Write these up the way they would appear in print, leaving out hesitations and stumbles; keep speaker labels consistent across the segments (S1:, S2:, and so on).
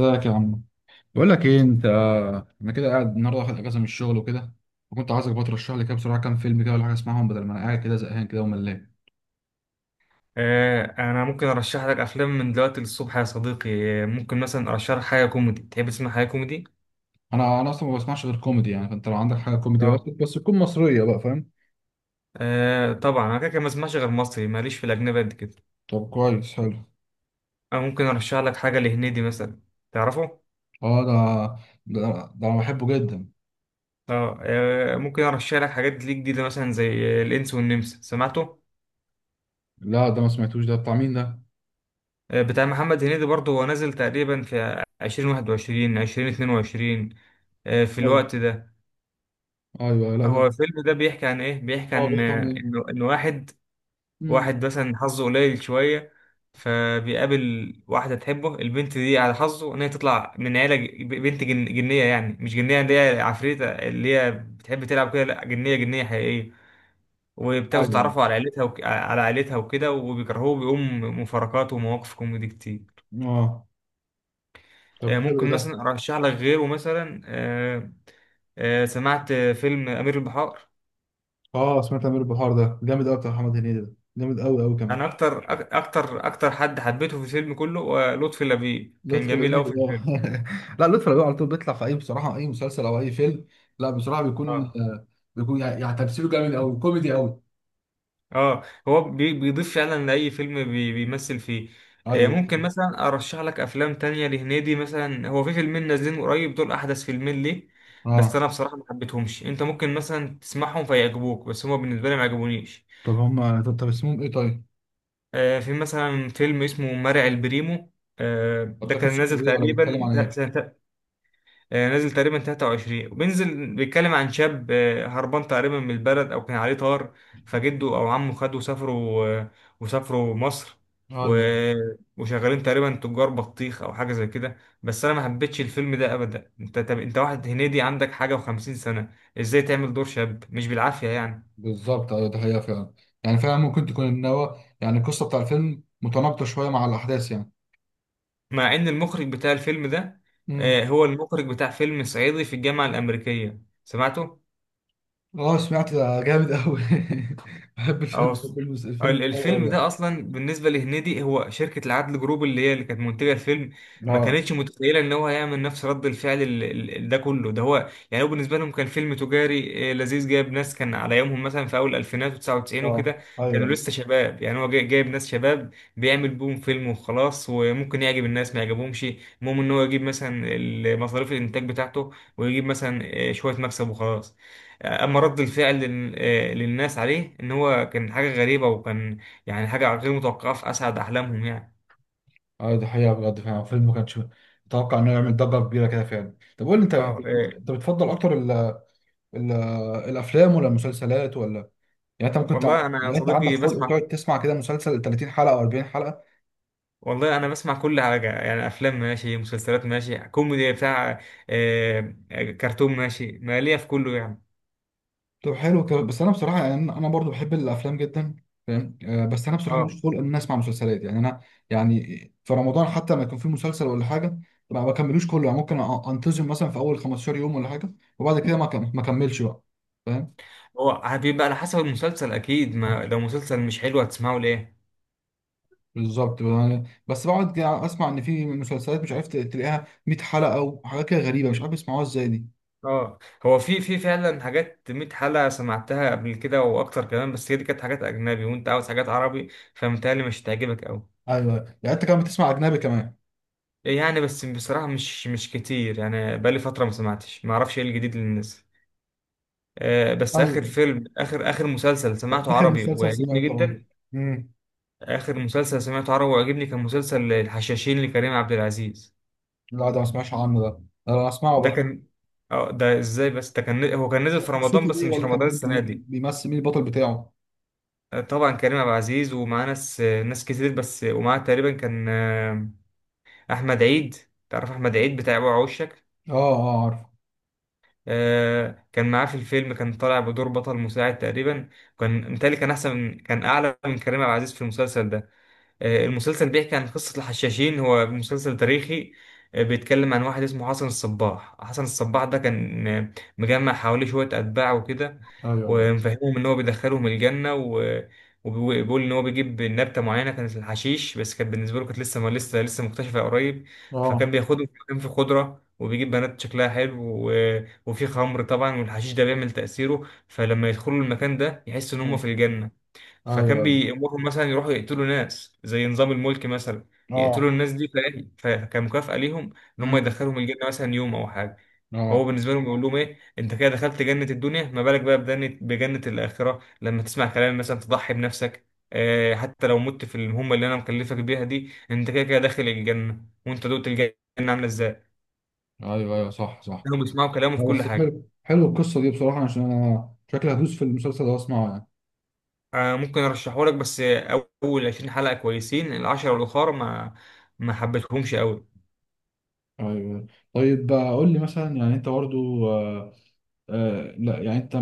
S1: ازيك يا عم؟ بقول لك ايه انت. انا كده قاعد النهارده واخد اجازه من الشغل وكده. وكنت عايزك بقى ترشح لي كده بسرعه كام فيلم كده ولا حاجه اسمعهم بدل ما انا قاعد كده زهقان كده وملان.
S2: انا ممكن ارشح لك افلام من دلوقتي للصبح يا صديقي. ممكن مثلا ارشح لك حاجه كوميدي. تحب تسمع حاجه كوميدي؟
S1: انا اصلا ما بسمعش غير كوميدي يعني، فانت لو عندك حاجه كوميدي بس
S2: اه.
S1: بس تكون مصريه بقى فاهم.
S2: آه طبعا انا كده كده ما اسمعش غير مصري، ماليش في الاجنبي قد كده.
S1: طب كويس حلو.
S2: انا ممكن ارشح لك حاجه لهنيدي مثلا. تعرفه؟
S1: اه، ده انا بحبه جدا.
S2: اه. ممكن ارشح لك حاجات ليه جديده مثلا زي الانس والنمس. سمعته؟
S1: لا، ده ما سمعتوش، ده بتاع مين ده؟
S2: بتاع محمد هنيدي برضه، هو نازل تقريبا في 2021 2022، في
S1: ايوه،
S2: الوقت ده.
S1: ايوه، لا ده.
S2: هو الفيلم ده بيحكي عن ايه؟ بيحكي
S1: اه،
S2: عن
S1: بيحكي عن ايه؟
S2: ان واحد،
S1: امم
S2: واحد مثلا حظه قليل شوية، فبيقابل واحدة تحبه. البنت دي على حظه إن هي تطلع من عيلة ج- بنت جن جنية، يعني مش جنية اللي هي عفريتة اللي هي بتحب تلعب كده، لأ جنية جنية حقيقية. وبتاخده
S1: ايوه.
S2: تعرفه على عيلتها على عيلتها وكده، وبيكرهوه، بيقوم مفارقات ومواقف كوميدي كتير.
S1: اه، طب حلو
S2: ممكن
S1: ده.
S2: مثلا أرشح لك غيره مثلا، سمعت فيلم أمير البحار.
S1: اه، سمعت امير البحار، ده جامد قوي، بتاع محمد هنيدي ده جامد قوي قوي كمان.
S2: أنا أكتر أكتر حد حبيته في الفيلم كله، لطفي لبيب كان
S1: لطفي
S2: جميل أوي في
S1: لبيب آه.
S2: الفيلم.
S1: لا، لطفي لبيب على طول بيطلع في اي، بصراحه اي مسلسل او اي فيلم. لا بصراحه بيكون
S2: آه.
S1: بيكون يعني تمثيله جامد قوي، كوميدي قوي.
S2: اه. هو بيضيف فعلا لأي فيلم بيمثل فيه.
S1: ايوه.
S2: ممكن مثلا ارشح لك افلام تانية لهنيدي مثلا. هو في فيلمين نازلين قريب، دول احدث فيلمين ليه. بس
S1: اه.
S2: انا بصراحة ما حبيتهمش. انت ممكن مثلا تسمعهم فيعجبوك، بس هما بالنسبة لي ما عجبونيش.
S1: طب هم، طب اسمهم ايه طيب؟
S2: في مثلا فيلم اسمه مرعي البريمو،
S1: طب
S2: ده
S1: ده
S2: كان
S1: قصته
S2: نازل
S1: ايه ولا بيتكلم
S2: تقريبا
S1: عن ايه؟
S2: سنة. نازل تقريبا 23 وبينزل. بيتكلم عن شاب هربان تقريبا من البلد او كان عليه طار، فجده او عمه خده وسافروا وسافروا مصر و...
S1: ايوه،
S2: وشغالين تقريبا تجار بطيخ او حاجه زي كده. بس انا ما حبيتش الفيلم ده ابدا. انت طب انت واحد هنيدي عندك حاجه وخمسين سنه، ازاي تعمل دور شاب؟ مش بالعافيه يعني.
S1: بالظبط، ايوه ده حقيقه فعلا. يعني فعلا ممكن تكون ان هو يعني القصه بتاع الفيلم متناقضه شويه مع الاحداث يعني.
S2: مع ان المخرج بتاع الفيلم ده،
S1: امم
S2: هو المخرج بتاع فيلم صعيدي في الجامعه الامريكيه، سمعته.
S1: اه، سمعت ده جامد قوي. بحب الفيلم،
S2: اه.
S1: الفيلم ده قوي
S2: الفيلم ده
S1: يعني.
S2: اصلا بالنسبه لهنيدي، هو شركه العدل جروب اللي كانت منتجه الفيلم، ما
S1: اه.
S2: كانتش متخيله ان هو هيعمل نفس رد الفعل ده كله. ده هو يعني، هو بالنسبه لهم كان فيلم تجاري لذيذ، جايب ناس كان على يومهم مثلا في اول الفينات و99
S1: اه.
S2: وكده، كانوا
S1: ايوه.
S2: لسه شباب يعني. هو جايب ناس شباب، بيعمل بوم فيلم وخلاص، وممكن يعجب الناس ما يعجبهمش. المهم ان هو يجيب مثلا مصاريف الانتاج بتاعته، ويجيب مثلا شويه مكسب وخلاص. اما رد الفعل للناس عليه ان هو كان حاجه غريبه، وكان يعني حاجه غير متوقعه في اسعد احلامهم يعني.
S1: اه، دي حقيقة بجد، فعلا الفيلم ما كانش متوقع انه يعمل ضجة كبيرة كده فعلا. طب قول لي، انت
S2: اه.
S1: انت انت أنت بتفضل اكتر ال الافلام ولا المسلسلات ولا؟ يعني انت ممكن
S2: والله انا يا
S1: يعني انت عندك
S2: صديقي
S1: خلق
S2: بسمع.
S1: تقعد تسمع كده مسلسل 30 حلقة او 40 حلقة؟
S2: والله انا بسمع كل حاجه يعني، افلام ماشي، مسلسلات ماشي، كوميدي بتاع كرتون ماشي، ماليه في كله يعني.
S1: طب حلو كده، بس انا بصراحة يعني انا برضو بحب الافلام جدا فاهم. بس انا بصراحة
S2: اه.
S1: مش خلق ان انا اسمع مسلسلات، يعني انا يعني في رمضان حتى ما يكون في مسلسل ولا حاجة ما بكملوش كله. يعني ممكن انتظم مثلا في اول 15 يوم ولا حاجة، وبعد كده ما اكملش بقى، فاهم.
S2: هو بيبقى على حسب المسلسل اكيد. ما لو مسلسل مش حلو هتسمعه ليه؟
S1: بالظبط، يعني بس بقعد اسمع ان في مسلسلات مش عارف تلاقيها 100 حلقه، وحاجات كده غريبه، مش عارف بيسمعوها ازاي دي.
S2: اه. هو في فعلا حاجات 100 حلقة سمعتها قبل كده واكتر كمان، بس هي دي كانت حاجات اجنبي وانت عاوز حاجات عربي، فمتهيألي مش هتعجبك قوي.
S1: ايوه. يعني انت كمان بتسمع اجنبي كمان؟
S2: يعني بس بصراحة مش كتير يعني، بقالي فترة ما سمعتش، ما اعرفش ايه الجديد اللي نزل. آه، بس اخر
S1: ايوه.
S2: فيلم اخر اخر مسلسل
S1: طب
S2: سمعته
S1: اخر
S2: عربي
S1: مسلسل
S2: وعجبني
S1: سمعته، اه،
S2: جدا.
S1: امم
S2: اخر مسلسل سمعته عربي وعجبني كان مسلسل الحشاشين لكريم عبد العزيز.
S1: لا ده ما سمعش عنه، ده ده انا اسمعه
S2: ده
S1: بقى.
S2: كان. اه، ده ازاي بس. ده كان، هو كان نزل في رمضان،
S1: قصته
S2: بس
S1: ايه،
S2: مش
S1: ولا كان
S2: رمضان السنة
S1: مين
S2: دي.
S1: بيمثل، مين البطل بتاعه؟
S2: طبعا كريم عبد العزيز ومعاه ناس كتير بس، ومعاه تقريبا كان احمد عيد. تعرف احمد عيد بتاع وعوشك؟
S1: اه. اه، عارف.
S2: كان معاه في الفيلم، كان طالع بدور بطل مساعد تقريبا. كان متهيألي كان احسن، كان اعلى من كريم عبد العزيز في المسلسل ده. المسلسل بيحكي عن قصة الحشاشين، هو مسلسل تاريخي. بيتكلم عن واحد اسمه حسن الصباح. حسن الصباح ده كان مجمع حواليه شوية أتباع وكده،
S1: ايوه، ايوه.
S2: ومفهمهم إن هو بيدخلهم الجنة وبيقول إن هو بيجيب نبتة معينة، كانت الحشيش، بس كانت بالنسبة له كانت لسه ما لسه لسه مكتشفة قريب. فكان
S1: اه.
S2: بياخدهم في مكان فيه خضرة، وبيجيب بنات شكلها حلو و... وفي خمر طبعا، والحشيش ده بيعمل تأثيره، فلما يدخلوا المكان ده يحسوا إن هم في
S1: اه،
S2: الجنة. فكان
S1: ايوه.
S2: بيأمرهم مثلا يروحوا يقتلوا ناس زي نظام الملك مثلا، يقتلوا
S1: اه،
S2: الناس دي فلاهي. فكمكافأة ليهم إن هم
S1: امم
S2: يدخلهم الجنة مثلا يوم أو حاجة. فهو
S1: اه،
S2: بالنسبة لهم بيقول لهم إيه، أنت كده دخلت جنة الدنيا، ما بالك بقى بجنة الآخرة لما تسمع كلام مثلا تضحي بنفسك. آه حتى لو مت في المهمة اللي أنا مكلفك بيها دي، أنت كده كده داخل الجنة، وأنت دوت الجنة عاملة إزاي.
S1: ايوه، ايوه، صح، صح.
S2: هم بيسمعوا كلامه في
S1: لا،
S2: كل
S1: بس
S2: حاجة.
S1: حلو، حلو القصه دي بصراحه، عشان انا شكلي هدوس في المسلسل ده واسمعه يعني.
S2: آه ممكن أرشحهولك، بس أول 20 حلقة كويسين، العشرة الأخرى ما حبيتهمش أوي.
S1: ايوه. طيب، قول لي مثلا، يعني انت برضو، لا يعني انت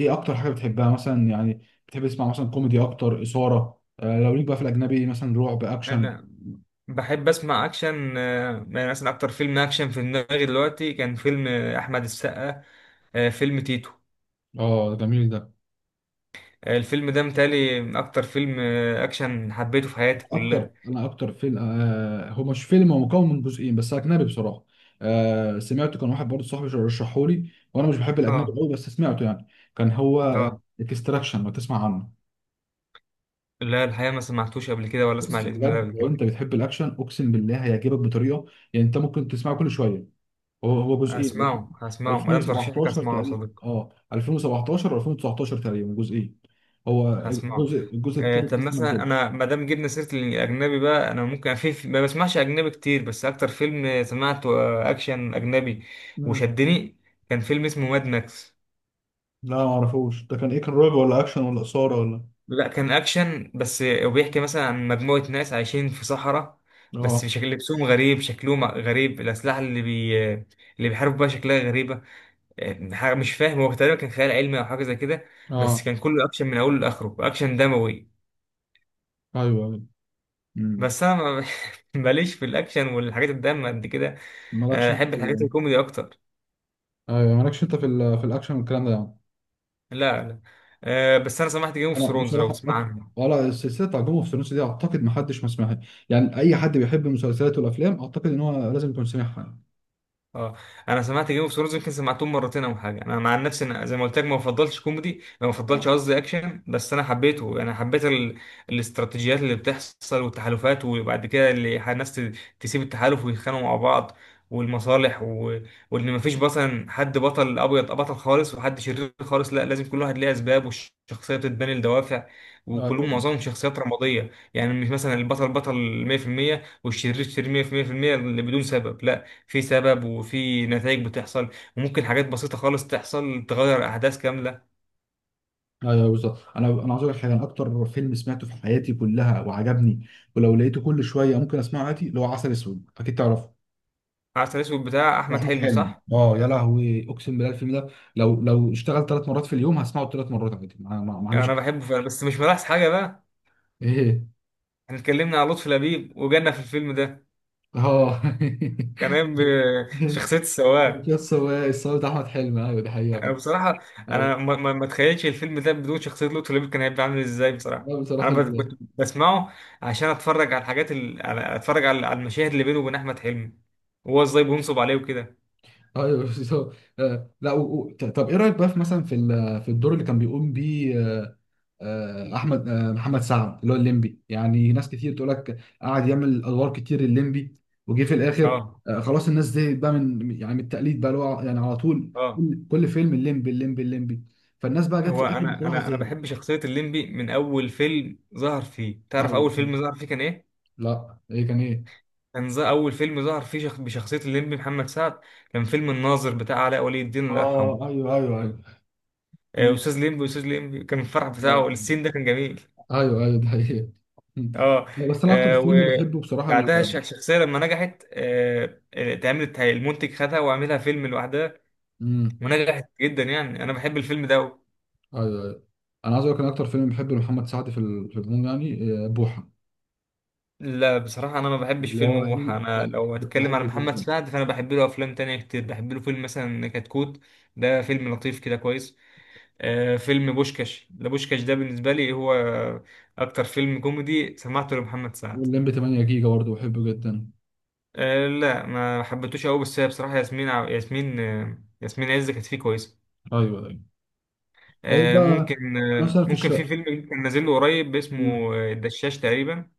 S1: ايه اكتر حاجه بتحبها مثلا يعني؟ بتحب تسمع مثلا كوميدي اكتر، اثاره، لو ليك بقى في الاجنبي مثلا رعب، اكشن.
S2: انا بحب اسمع اكشن، يعني مثلا اكتر فيلم اكشن في دماغي دلوقتي كان فيلم احمد السقا، فيلم تيتو.
S1: اه، جميل ده.
S2: الفيلم ده متهيألي اكتر فيلم اكشن حبيته في حياتي
S1: اكتر،
S2: كلها.
S1: انا اكتر فيلم، هو مش فيلم، هو مكون من جزئين بس اجنبي بصراحه. سمعته، كان واحد برضه صاحبي رشحه لي وانا مش بحب الاجنبي
S2: اه.
S1: قوي بس سمعته يعني. كان هو
S2: اه.
S1: اكستراكشن، لو تسمع عنه.
S2: لا، الحقيقه ما سمعتوش قبل كده ولا اسمع
S1: بس
S2: الاسم ده
S1: بجد
S2: قبل
S1: لو
S2: كده.
S1: انت بتحب الاكشن اقسم بالله هيعجبك بطريقه، يعني انت ممكن تسمعه كل شويه. هو جزئين،
S2: اسمعه، هسمعه ما دام ترشيحك،
S1: 2017
S2: اسمعه يا
S1: تقريبا،
S2: صديقي.
S1: اه 2017 و2019 تقريبا جزئين. هو
S2: هسمعه.
S1: الجزء التالت
S2: طب
S1: لسه ما
S2: مثلا
S1: نزلش.
S2: انا ما دام جبنا سيره الاجنبي بقى، انا ممكن ما بسمعش اجنبي كتير، بس اكتر فيلم سمعته اكشن اجنبي
S1: مم.
S2: وشدني كان فيلم اسمه ماد ماكس.
S1: لا، ما اعرفوش ده، كان ايه؟ كان رعب ولا اكشن ولا اثاره ولا؟
S2: لا كان اكشن بس، وبيحكي مثلا عن مجموعه ناس عايشين في صحراء، بس
S1: اه.
S2: شكل لبسهم غريب، شكلهم غريب، الاسلحه اللي بي آه، اللي بيحاربوا بيها شكلها غريبه. حاجه مش فاهم، هو تقريبا كان خيال علمي او حاجه زي كده. بس
S1: اه،
S2: كان كله اكشن من اوله لاخره، اكشن دموي.
S1: ايوه، ايوه، امم
S2: بس انا ماليش في الاكشن والحاجات الدم قد كده.
S1: مالكش انت
S2: احب الحاجات الكوميدي اكتر.
S1: ايوه، مالكش انت في الاكشن والكلام ده يعني.
S2: لا، لا. بس انا سمعت جيم اوف
S1: انا
S2: ثرونز، لو
S1: بصراحه
S2: تسمع عنه.
S1: ولا السلسله بتاع جون اوف ثرونز دي، اعتقد ما حدش ما سمعها. يعني اي حد بيحب المسلسلات والافلام اعتقد ان هو لازم يكون سمعها يعني.
S2: اه. انا سمعت جيم اوف ثرونز يمكن سمعتهم مرتين او حاجه. انا مع نفسي انا زي ما قلت لك ما بفضلش كوميدي، ما بفضلش قصدي اكشن، بس انا حبيته. انا حبيت الاستراتيجيات اللي بتحصل والتحالفات، وبعد كده اللي الناس تسيب التحالف ويتخانقوا مع بعض، والمصالح وان مفيش مثلا حد بطل ابيض بطل خالص وحد شرير خالص. لا، لازم كل واحد ليه اسباب، والشخصيه بتتبني لدوافع،
S1: اه،
S2: وكلهم معظمهم شخصيات رماديه، يعني مش مثلا البطل بطل 100% والشرير شرير 100% اللي بدون سبب. لا، في سبب وفي نتائج بتحصل، وممكن حاجات بسيطة خالص تحصل تغير أحداث كاملة.
S1: ايوه بالظبط، انا عاوز اقول لك حاجه. انا اكتر فيلم سمعته في حياتي كلها وعجبني، ولو لقيته كل شويه ممكن اسمعه عادي، اللي هو عسل اسود، اكيد تعرفه.
S2: عسل أسود بتاع أحمد
S1: واحمد
S2: حلمي
S1: حلمي،
S2: صح؟
S1: اه يا لهوي، اقسم بالله الفيلم ده لو اشتغل 3 مرات في اليوم هسمعه 3 مرات عادي، ما عنديش
S2: أنا بحبه فعلا بس مش ملاحظ حاجة بقى.
S1: ايه.
S2: احنا اتكلمنا على لطفي لبيب وجانا في الفيلم ده،
S1: اه.
S2: كان قايم بشخصية السواق.
S1: يس، هو الصوت بتاع احمد حلمي، ايوه دي حقيقه
S2: أنا
S1: فعلا.
S2: بصراحة أنا
S1: أيوة.
S2: ما أتخيلش الفيلم ده بدون شخصية لطفي لبيب، كان هيبقى عامل إزاي بصراحة.
S1: لا
S2: أنا
S1: بصراحه
S2: كنت بسمعه عشان أتفرج على الحاجات أتفرج على المشاهد اللي بينه وبين أحمد حلمي، وهو إزاي بينصب عليه وكده.
S1: ايوه بصراحة. لا، طب ايه رايك بقى في مثلا في الدور اللي كان بيقوم بيه، آه، آه، احمد آه، محمد سعد اللي هو الليمبي. يعني ناس كتير تقول لك قعد يعمل ادوار كتير الليمبي وجي في الاخر.
S2: أه.
S1: خلاص الناس دي بقى من، يعني من التقليد بقى، اللي هو يعني على طول
S2: أه.
S1: كل فيلم الليمبي الليمبي الليمبي. فالناس بقى جت في
S2: هو
S1: الاخر
S2: انا
S1: بصراحه زي.
S2: بحب شخصيه الليمبي من اول فيلم ظهر فيه. تعرف
S1: ايوه.
S2: اول فيلم ظهر فيه كان ايه؟
S1: لا، ايه كان ايه؟
S2: كان اول فيلم ظهر فيه بشخصيه الليمبي محمد سعد، كان فيلم الناظر بتاع علاء ولي الدين الله يرحمه.
S1: اه، ايوه، ايوه، ايوه. مم.
S2: استاذ ليمبي استاذ ليمبي كان الفرح
S1: آه،
S2: بتاعه السين ده كان جميل.
S1: ايوه، ايوه ده حقيقي. مم.
S2: اه.
S1: لا، بس انا اكتر فيلم بحبه بصراحه
S2: وبعدها الشخصيه لما نجحت اتعملت، المنتج خدها وعملها فيلم لوحدها
S1: مم.
S2: ونجحت جدا يعني. انا بحب الفيلم ده أوي.
S1: ايوه، ايوه. انا عايز اقول لك إن اكتر فيلم بحبه لمحمد سعد في العموم يعني، بوحه.
S2: لا بصراحة أنا ما بحبش فيلم
S1: والله
S2: بوحة. أنا
S1: يعني
S2: لو هتكلم على
S1: بحبه
S2: محمد
S1: جدا.
S2: سعد فأنا بحب له أفلام تانية كتير. بحب له فيلم مثلا كتكوت، ده فيلم لطيف كده كويس. آه فيلم بوشكاش، ده بوشكاش ده بالنسبة لي هو أكتر فيلم كوميدي سمعته لمحمد سعد.
S1: واللمبي 8 جيجا برضه بحبه جدا.
S2: آه لا ما حبيتوش أوي، بس هي بصراحة ياسمين عز كانت فيه كويسة.
S1: ايوه، ايوه. طيب
S2: آه
S1: بقى
S2: ممكن،
S1: مثلا في
S2: في
S1: الشقه.
S2: فيلم كان نازل له قريب
S1: مم.
S2: اسمه الدشاش تقريبا.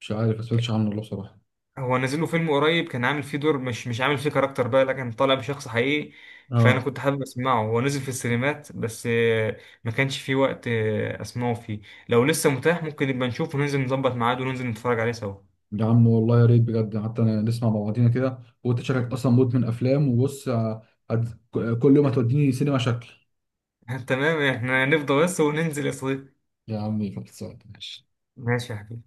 S1: مش عارف، ما سمعتش عنه والله بصراحه.
S2: هو نازل له فيلم قريب كان عامل فيه دور، مش عامل فيه كاركتر بقى لكن طالع بشخص حقيقي. فانا
S1: اه.
S2: كنت حابب اسمعه، هو نزل في السينمات بس ما كانش فيه وقت اسمعه فيه. لو لسه متاح ممكن نبقى نشوف وننزل نظبط ميعاد وننزل نتفرج عليه سوا.
S1: يا عم والله يا ريت بجد، حتى أنا نسمع مع بعضينا كده. وانت شكلك اصلا مدمن افلام، وبص هت- كل يوم هتوديني سينما شكل.
S2: تمام، احنا نفضى بس وننزل يا صديقي.
S1: يا عمي خلصان ماشي.
S2: ماشي يا حبيبي.